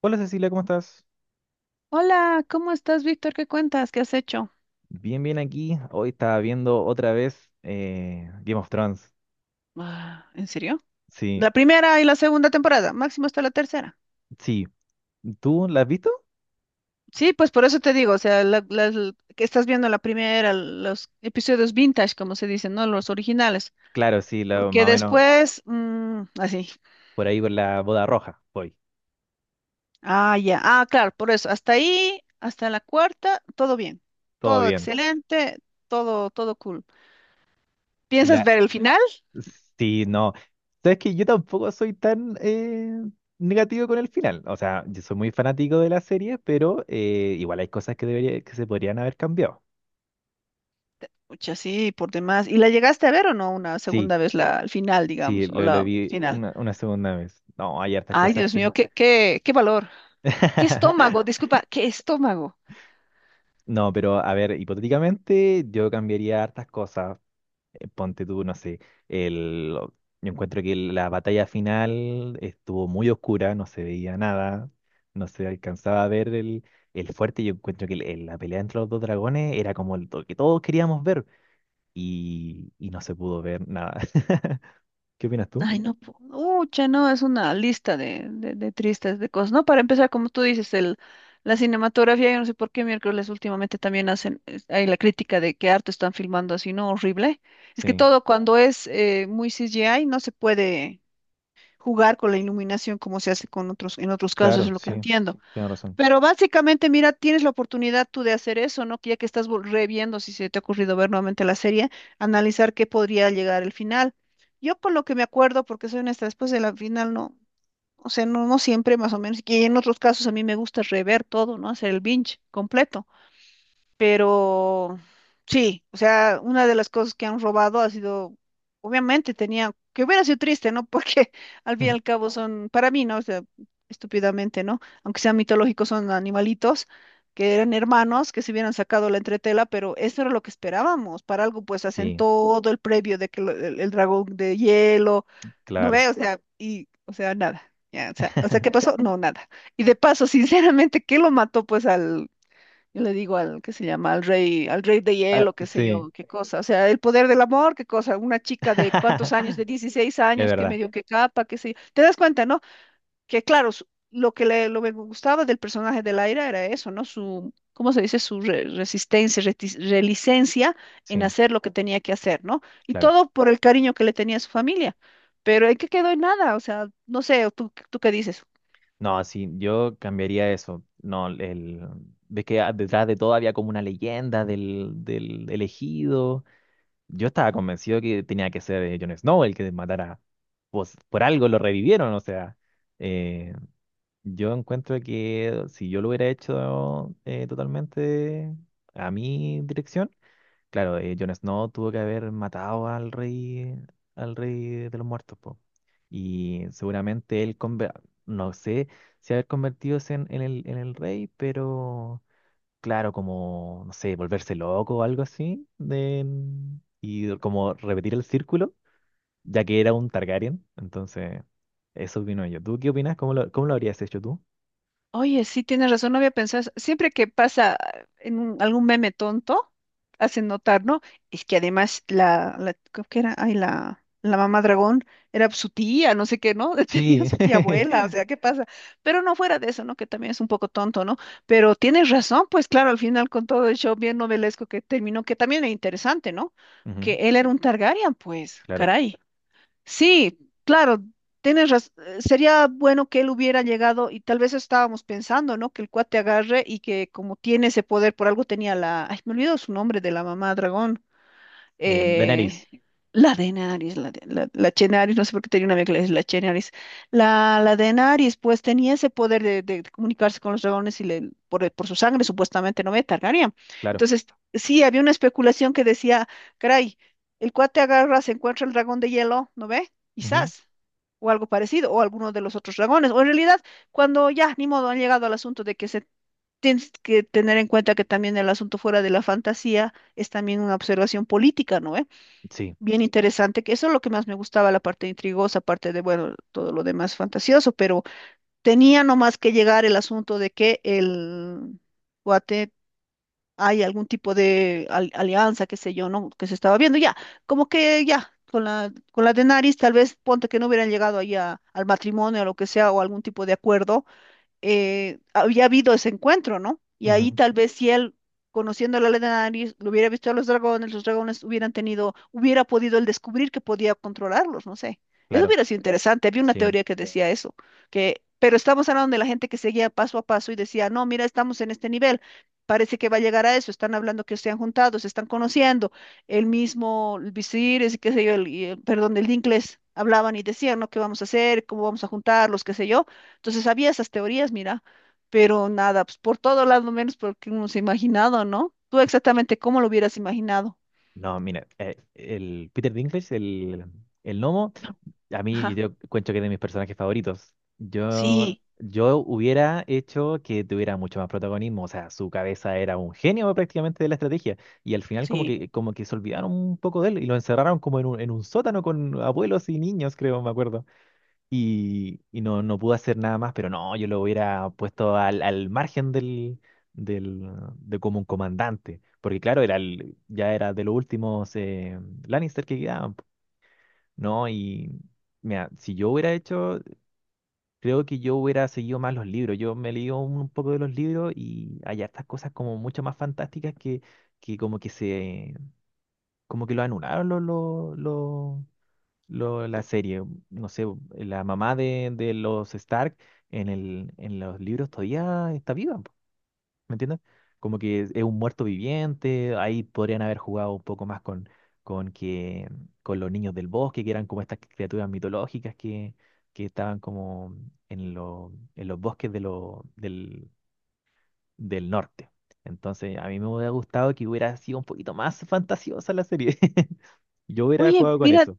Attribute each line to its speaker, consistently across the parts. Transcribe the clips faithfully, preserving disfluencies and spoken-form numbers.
Speaker 1: Hola Cecilia, ¿cómo estás?
Speaker 2: Hola, ¿cómo estás, Víctor? ¿Qué cuentas? ¿Qué has hecho?
Speaker 1: Bien, bien aquí. Hoy estaba viendo otra vez eh, Game of Thrones.
Speaker 2: Ah, ¿en serio?
Speaker 1: Sí,
Speaker 2: La primera y la segunda temporada, máximo hasta la tercera.
Speaker 1: sí. ¿Tú la has visto?
Speaker 2: Sí, pues por eso te digo, o sea, la- las- que estás viendo la primera, los episodios vintage, como se dicen, ¿no? Los originales.
Speaker 1: Claro, sí, la-
Speaker 2: Porque
Speaker 1: más o menos
Speaker 2: después, mm, así.
Speaker 1: por ahí con la boda roja. Voy,
Speaker 2: Ah, ya. Ah, claro, por eso. Hasta ahí, hasta la cuarta, todo bien.
Speaker 1: todo
Speaker 2: Todo
Speaker 1: bien.
Speaker 2: excelente, todo, todo cool.
Speaker 1: Y
Speaker 2: ¿Piensas
Speaker 1: la...
Speaker 2: ver el final?
Speaker 1: Sí, no. Sabes que yo tampoco soy tan eh, negativo con el final. O sea, yo soy muy fanático de la serie, pero eh, igual hay cosas que, debería, que se podrían haber cambiado.
Speaker 2: Pucha, sí, por demás. ¿Y la llegaste a ver o no una
Speaker 1: Sí,
Speaker 2: segunda vez la, el final,
Speaker 1: sí,
Speaker 2: digamos, o
Speaker 1: lo, lo
Speaker 2: la
Speaker 1: vi
Speaker 2: final?
Speaker 1: una, una segunda vez. No, hay hartas
Speaker 2: Ay,
Speaker 1: cosas
Speaker 2: Dios
Speaker 1: que...
Speaker 2: mío, qué, qué, qué valor. ¿Qué estómago? Disculpa, ¿qué estómago?
Speaker 1: No, pero a ver, hipotéticamente yo cambiaría hartas cosas. Eh, Ponte tú, no sé, el, lo- yo encuentro que la batalla final estuvo muy oscura, no se veía nada, no se alcanzaba a ver el, el fuerte. Yo encuentro que el- el- la pelea entre los dos dragones era como el, lo que todos queríamos ver y, y no se pudo ver nada. ¿Qué opinas tú?
Speaker 2: Ay, no, po- ucha, no, es una lista de, de, de tristes, de cosas. No, para empezar, como tú dices, el, la cinematografía, yo no sé por qué miércoles últimamente también hacen, es- hay la crítica de que harto están filmando así, ¿no? Horrible. Es que
Speaker 1: Sí,
Speaker 2: todo cuando es eh, muy C G I no se puede jugar con la iluminación como se hace con otros, en otros casos,
Speaker 1: claro,
Speaker 2: es lo que
Speaker 1: sí,
Speaker 2: entiendo.
Speaker 1: tienes razón.
Speaker 2: Pero básicamente, mira, tienes la oportunidad tú de hacer eso, ¿no? Que ya que estás vol- reviendo, si se te ha ocurrido ver nuevamente la serie, analizar qué podría llegar el final. Yo con lo que me acuerdo, porque soy honesta, después de la final no, o sea, no, no siempre más o menos, y en otros casos a mí me gusta rever todo, ¿no? Hacer el binge completo. Pero sí, o sea, una de las cosas que han robado ha sido, obviamente tenía, que hubiera sido triste, ¿no? Porque al fin y al cabo son, para mí, ¿no? O sea, estúpidamente, ¿no? Aunque sean mitológicos, son animalitos que eran hermanos, que se hubieran sacado la entretela, pero eso era lo que esperábamos. Para algo, pues hacen
Speaker 1: Sí,
Speaker 2: todo el previo de que lo- el, el dragón de hielo, ¿no
Speaker 1: claro.
Speaker 2: ve? O sea, y, o sea, nada. Ya, o sea, o sea, ¿qué pasó? No, nada. Y de paso, sinceramente, ¿qué lo mató pues al, yo le digo al que se llama, al rey, al rey de
Speaker 1: Ah,
Speaker 2: hielo, qué sé
Speaker 1: sí,
Speaker 2: yo, qué cosa. O sea, el poder del amor, qué cosa. Una chica de cuántos años, de dieciséis
Speaker 1: es
Speaker 2: años, que
Speaker 1: verdad.
Speaker 2: medio que capa, qué sé yo. Te das cuenta, ¿no? Que claro, su- lo que le, lo que me gustaba del personaje de Laira era eso, ¿no? Su, ¿cómo se dice? Su re- resistencia, retis- relicencia en
Speaker 1: Sí,
Speaker 2: hacer lo que tenía que hacer, ¿no? Y
Speaker 1: claro.
Speaker 2: todo por el cariño que le tenía a su familia. Pero ¿en qué quedó en nada? O sea, no sé, ¿tú, tú qué dices?
Speaker 1: No, sí, yo cambiaría eso. No, el, ves que a- detrás de todo había como una leyenda del, del elegido. Yo estaba convencido que tenía que ser eh, Jon Snow el que matara. Pues por algo lo revivieron, o sea. eh, yo encuentro que si yo lo hubiera hecho eh, totalmente a mi dirección. Claro, eh, Jon Snow tuvo que haber matado al rey, al rey de los muertos, po. Y seguramente él, conver- no sé si haber convertido en, en el, en el rey, pero claro, como, no sé, volverse loco o algo así, de- y como repetir el círculo, ya que era un Targaryen, entonces eso opino yo. ¿Tú qué opinas? ¿Cómo lo, cómo lo habrías hecho tú?
Speaker 2: Oye, sí, tienes razón, no había pensado eso. Siempre que pasa ah, en un- algún meme tonto, hacen notar, ¿no? Es que además la, la creo que era, ay, la, la mamá dragón era su tía, no sé qué, ¿no? Tenía
Speaker 1: Sí,
Speaker 2: su tía abuela, o sea, ¿qué pasa? Pero no fuera de eso, ¿no? Que también es un poco tonto, ¿no? Pero tienes razón, pues claro, al final con todo el show bien novelesco que terminó, que también era interesante, ¿no? Que
Speaker 1: ujú,
Speaker 2: él era un Targaryen, pues,
Speaker 1: claro.
Speaker 2: caray. Sí, claro, tienes razón. Sería bueno que él hubiera llegado y tal vez estábamos pensando, ¿no? Que el cuate agarre y que como tiene ese poder, por algo tenía la... Ay, me olvido su nombre de la mamá dragón
Speaker 1: Eh,
Speaker 2: eh,
Speaker 1: Daenerys,
Speaker 2: la Denaris, la, de- la, la Chenaris, no sé por qué tenía una amiga que le decía la Chenaris. La, la Denaris, pues tenía ese poder de, de comunicarse con los dragones y le, por, el- por su sangre, supuestamente, no me Targaryen.
Speaker 1: claro.
Speaker 2: Entonces, sí, había una especulación que decía, caray, el cuate agarra, se encuentra el dragón de hielo, ¿no ve?
Speaker 1: Ujú,
Speaker 2: Quizás. O algo parecido, o alguno de los otros dragones. O en realidad, cuando ya, ni modo, han llegado al asunto de que se tienes que tener en cuenta que también el asunto fuera de la fantasía es también una observación política, ¿no? Eh,
Speaker 1: sí,
Speaker 2: bien interesante, que eso es lo que más me gustaba, la parte intrigosa, aparte de, bueno, todo lo demás fantasioso, pero tenía nomás que llegar el asunto de que el guate hay algún tipo de al- alianza, qué sé yo, ¿no? Que se estaba viendo ya, como que ya. Con la, con la de Nariz, tal vez ponte que no hubieran llegado ahí a- al matrimonio o lo que sea, o algún tipo de acuerdo, eh, había habido ese encuentro, ¿no? Y ahí
Speaker 1: ujú,
Speaker 2: tal vez si él, conociendo la ley de nariz, lo hubiera visto a los dragones, los dragones hubieran tenido, hubiera podido él descubrir que podía controlarlos, no sé. Eso
Speaker 1: claro,
Speaker 2: hubiera sido interesante. Había una
Speaker 1: sí.
Speaker 2: teoría que decía eso, que, pero estamos hablando de la gente que seguía paso a paso y decía, no, mira, estamos en este nivel. Parece que va a llegar a eso, están hablando que se han juntado, se están conociendo. El mismo, el visir, es qué sé yo, el, y el- perdón, el Dincles, hablaban y decían, ¿no? ¿Qué vamos a hacer? ¿Cómo vamos a juntarlos? ¿Qué sé yo? Entonces había esas teorías, mira, pero nada, pues por todo lado menos porque uno se ha imaginado, ¿no? Tú exactamente cómo lo hubieras imaginado.
Speaker 1: No, mira, eh, el Peter Dinklage, el, el gnomo, a mí
Speaker 2: Ajá,
Speaker 1: yo cuento que es de mis personajes favoritos. Yo,
Speaker 2: sí,
Speaker 1: yo hubiera hecho que tuviera mucho más protagonismo, o sea, su cabeza era un genio prácticamente de la estrategia, y al final como
Speaker 2: sí.
Speaker 1: que, como que se olvidaron un poco de él y lo encerraron como en un, en un sótano con abuelos y niños, creo, me acuerdo y, y no, no pude hacer nada más, pero no, yo lo hubiera puesto al, al margen del, del, de como un comandante, porque claro, era el- ya era de los últimos eh, Lannister que quedaban, po. ¿No? Y mira, si yo hubiera hecho, creo que yo hubiera seguido más los libros, yo me leí un, un poco de los libros y hay hartas cosas como mucho más fantásticas que, que como que se, como que lo anularon los, los, lo- la serie. No sé, la mamá de, de los Stark en el, en los libros todavía está viva, po, ¿me entiendes? Como que es, es un muerto viviente, ahí podrían haber jugado un poco más con, con que, con los niños del bosque, que eran como estas criaturas mitológicas que, que estaban como en, lo- en los bosques de lo- del, del norte. Entonces, a mí me hubiera gustado que hubiera sido un poquito más fantasiosa la serie. Yo hubiera
Speaker 2: Oye,
Speaker 1: jugado con
Speaker 2: mira,
Speaker 1: eso.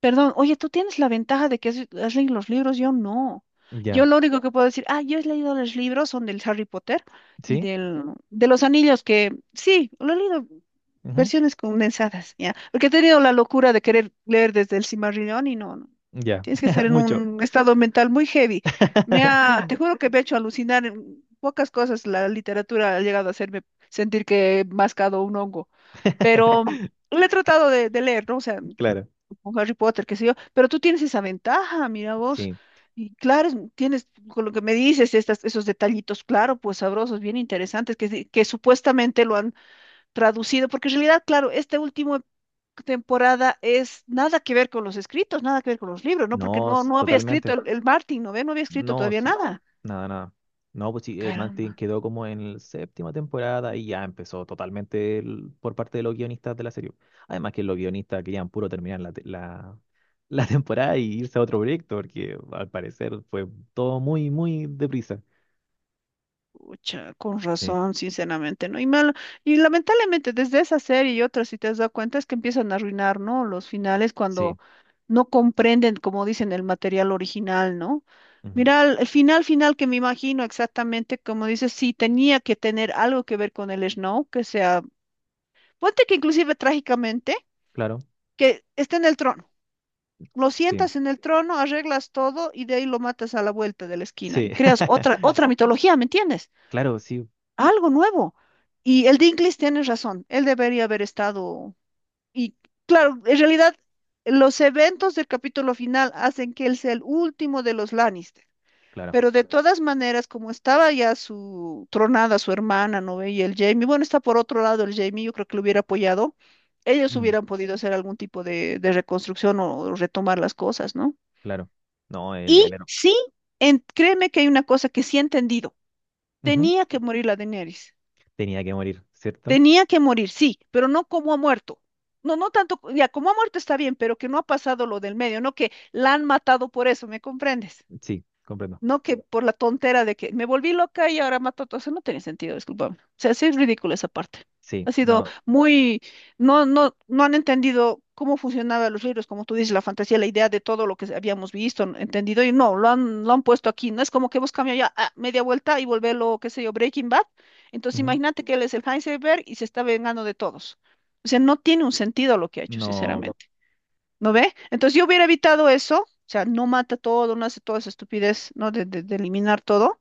Speaker 2: perdón, oye, tú tienes la ventaja de que has, has leído los libros, yo no. Yo
Speaker 1: Ya.
Speaker 2: lo único que puedo decir, ah, yo he leído los libros, son del Harry Potter y
Speaker 1: ¿Sí?
Speaker 2: del, de los anillos, que sí, lo he leído versiones condensadas, ¿ya? Porque he tenido la locura de querer leer desde el Cimarrillón y no, no.
Speaker 1: Ya,
Speaker 2: Tienes que estar en
Speaker 1: mucho.
Speaker 2: un estado mental muy heavy. Me ha, te juro que me ha hecho alucinar en pocas cosas. La literatura ha llegado a hacerme sentir que he mascado un hongo. Pero le he tratado de, de leer, ¿no? O sea,
Speaker 1: Claro,
Speaker 2: con Harry Potter, qué sé yo. Pero tú tienes esa ventaja, mira vos.
Speaker 1: sí.
Speaker 2: Y claro, es- tienes, con lo que me dices, estas, esos detallitos, claro, pues sabrosos, bien interesantes, que, que supuestamente lo han traducido, porque en realidad, claro, esta última temporada es nada que ver con los escritos, nada que ver con los libros, ¿no? Porque
Speaker 1: No,
Speaker 2: no,
Speaker 1: s-
Speaker 2: no había escrito
Speaker 1: totalmente.
Speaker 2: el, el Martin, ¿no ve? No había escrito
Speaker 1: No,
Speaker 2: todavía
Speaker 1: sí.
Speaker 2: nada.
Speaker 1: Nada, nada. No, pues sí, eh, Mantin
Speaker 2: Caramba.
Speaker 1: quedó como en la séptima temporada y ya empezó totalmente el- por parte de los guionistas de la serie. Además que los guionistas querían puro terminar la, te- la, la temporada y irse a otro proyecto, porque al parecer fue todo muy, muy deprisa.
Speaker 2: Pucha, con
Speaker 1: Sí,
Speaker 2: razón, sinceramente, ¿no? Y mal, y lamentablemente desde esa serie y otras, si te has dado cuenta, es que empiezan a arruinar, ¿no? Los finales
Speaker 1: sí.
Speaker 2: cuando no comprenden, como dicen, el material original, ¿no?
Speaker 1: Ujú,
Speaker 2: Mira, el el final final que me imagino exactamente, como dices, sí tenía que tener algo que ver con el Snow, que sea, ponte que inclusive trágicamente
Speaker 1: claro.
Speaker 2: que esté en el trono. Lo
Speaker 1: Sí,
Speaker 2: sientas en el trono, arreglas todo y de ahí lo matas a la vuelta de la esquina y
Speaker 1: sí.
Speaker 2: creas otra, otra mitología, ¿me entiendes?
Speaker 1: Claro, sí,
Speaker 2: Algo nuevo. Y el Dinklage tiene razón, él debería haber estado. Y claro, en realidad los eventos del capítulo final hacen que él sea el último de los Lannister.
Speaker 1: claro.
Speaker 2: Pero de todas maneras, como estaba ya su tronada, su hermana, ¿no? ve? Y el Jamie, bueno, está por otro lado el Jamie, yo creo que lo hubiera apoyado. Ellos
Speaker 1: Mm.
Speaker 2: hubieran podido hacer algún tipo de, de reconstrucción o retomar las cosas, ¿no?
Speaker 1: Claro. No, el, el
Speaker 2: Y
Speaker 1: héroe.
Speaker 2: sí, en- créeme que hay una cosa que sí he entendido.
Speaker 1: Ujú.
Speaker 2: Tenía que morir la Daenerys.
Speaker 1: Tenía que morir, ¿cierto?
Speaker 2: Tenía que morir, sí, pero no como ha muerto. No, no tanto, ya como ha muerto está bien, pero que no ha pasado lo del medio, no que la han matado por eso, ¿me comprendes?
Speaker 1: Sí, comprendo.
Speaker 2: No que por la tontera de que me volví loca y ahora mato a todos. Eso no tiene sentido, discúlpame. O sea, sí es ridículo esa parte.
Speaker 1: Sí,
Speaker 2: Ha sido
Speaker 1: no.
Speaker 2: muy, no, no, no han entendido cómo funcionaban los libros, como tú dices, la fantasía, la idea de todo lo que habíamos visto, ¿no? entendido, y no, lo han, lo han puesto aquí. No es como que hemos cambiado ya ah, media vuelta y volverlo, qué sé yo, Breaking Bad. Entonces
Speaker 1: Ujú.
Speaker 2: imagínate que él es el Heisenberg y se está vengando de todos. O sea, no tiene un sentido lo que ha hecho,
Speaker 1: No, po,
Speaker 2: sinceramente. ¿No ve? Entonces yo hubiera evitado eso, o sea, no mata todo, no hace toda esa estupidez, ¿no? De, de- de eliminar todo,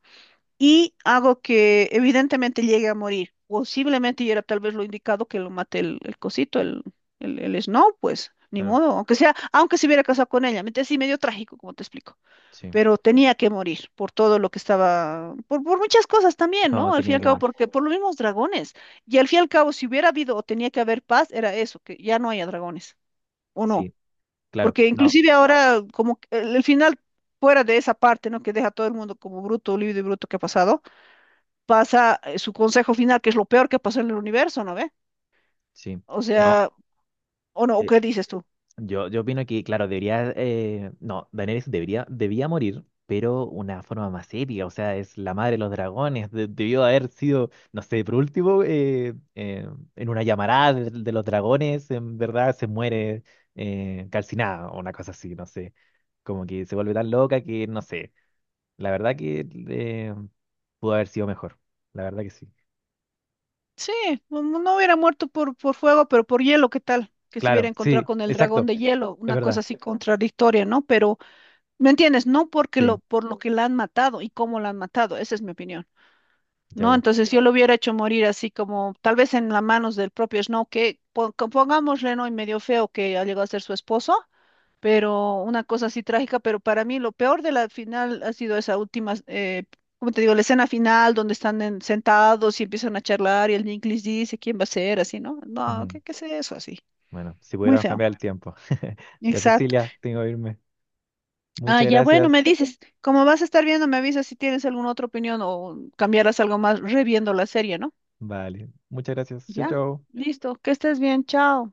Speaker 2: y hago que evidentemente llegue a morir. Posiblemente y era tal vez lo indicado que lo mate el, el cosito, el, el, el Snow, pues, ni
Speaker 1: claro,
Speaker 2: modo, aunque sea, aunque se hubiera casado con ella, mente sí medio trágico, como te explico,
Speaker 1: sí.
Speaker 2: pero tenía que morir por todo lo que estaba, por, por muchas cosas también,
Speaker 1: No,
Speaker 2: ¿no? Al fin y
Speaker 1: tenía
Speaker 2: al
Speaker 1: que
Speaker 2: cabo,
Speaker 1: morir.
Speaker 2: porque por los mismos dragones, y al fin y al cabo, si hubiera habido o tenía que haber paz, era eso, que ya no haya dragones, ¿o no?
Speaker 1: Sí, claro.
Speaker 2: Porque
Speaker 1: No,
Speaker 2: inclusive ahora, como que el, el final fuera de esa parte, ¿no? Que deja a todo el mundo como bruto, libre y bruto que ha pasado, pasa eh, su consejo final, que es lo peor que pasó en el universo, ¿no ve?
Speaker 1: sí.
Speaker 2: O sea,
Speaker 1: No.
Speaker 2: o no, ¿o
Speaker 1: eh,
Speaker 2: qué dices tú?
Speaker 1: Yo, yo opino que, claro, debería, eh, no, Daenerys debería, debía morir, pero una forma más épica, o sea, es la madre de los dragones, de- debió haber sido, no sé, por último, eh, eh, en una llamarada de, de los dragones, en verdad se muere eh, calcinada o una cosa así, no sé, como que se vuelve tan loca que, no sé, la verdad que eh, pudo haber sido mejor, la verdad que sí.
Speaker 2: Sí, no, no- no hubiera muerto por, por fuego, pero por hielo, ¿qué tal? Que se hubiera
Speaker 1: Claro,
Speaker 2: encontrado
Speaker 1: sí,
Speaker 2: con el dragón
Speaker 1: exacto,
Speaker 2: de hielo,
Speaker 1: es
Speaker 2: una cosa
Speaker 1: verdad,
Speaker 2: así contradictoria, ¿no? Pero, ¿me entiendes? No porque lo,
Speaker 1: sí,
Speaker 2: por lo que la han matado y cómo la han matado, esa es mi opinión. ¿No?
Speaker 1: ya,
Speaker 2: Entonces yo lo hubiera hecho morir así como tal vez en las manos del propio Snow, que pon- que pongámosle, ¿no? Y medio feo que ha llegado a ser su esposo, pero una cosa así trágica, pero para mí lo peor de la final ha sido esa última, eh, como te digo, la escena final donde están en- sentados y empiezan a charlar y el Nick les dice quién va a ser, así, ¿no? No,
Speaker 1: bueno.
Speaker 2: ¿qué, qué es eso? Así.
Speaker 1: Bueno, si
Speaker 2: Muy
Speaker 1: pudiéramos
Speaker 2: feo.
Speaker 1: cambiar el tiempo. Ya,
Speaker 2: Exacto.
Speaker 1: Cecilia, tengo que irme.
Speaker 2: Ah,
Speaker 1: Muchas
Speaker 2: ya bueno,
Speaker 1: gracias.
Speaker 2: me dices, como vas a estar viendo, me avisas si tienes alguna otra opinión o cambiarás algo más reviendo la serie, ¿no?
Speaker 1: Vale, muchas gracias. Chau,
Speaker 2: Ya,
Speaker 1: chau.
Speaker 2: listo. Que estés bien. Chao.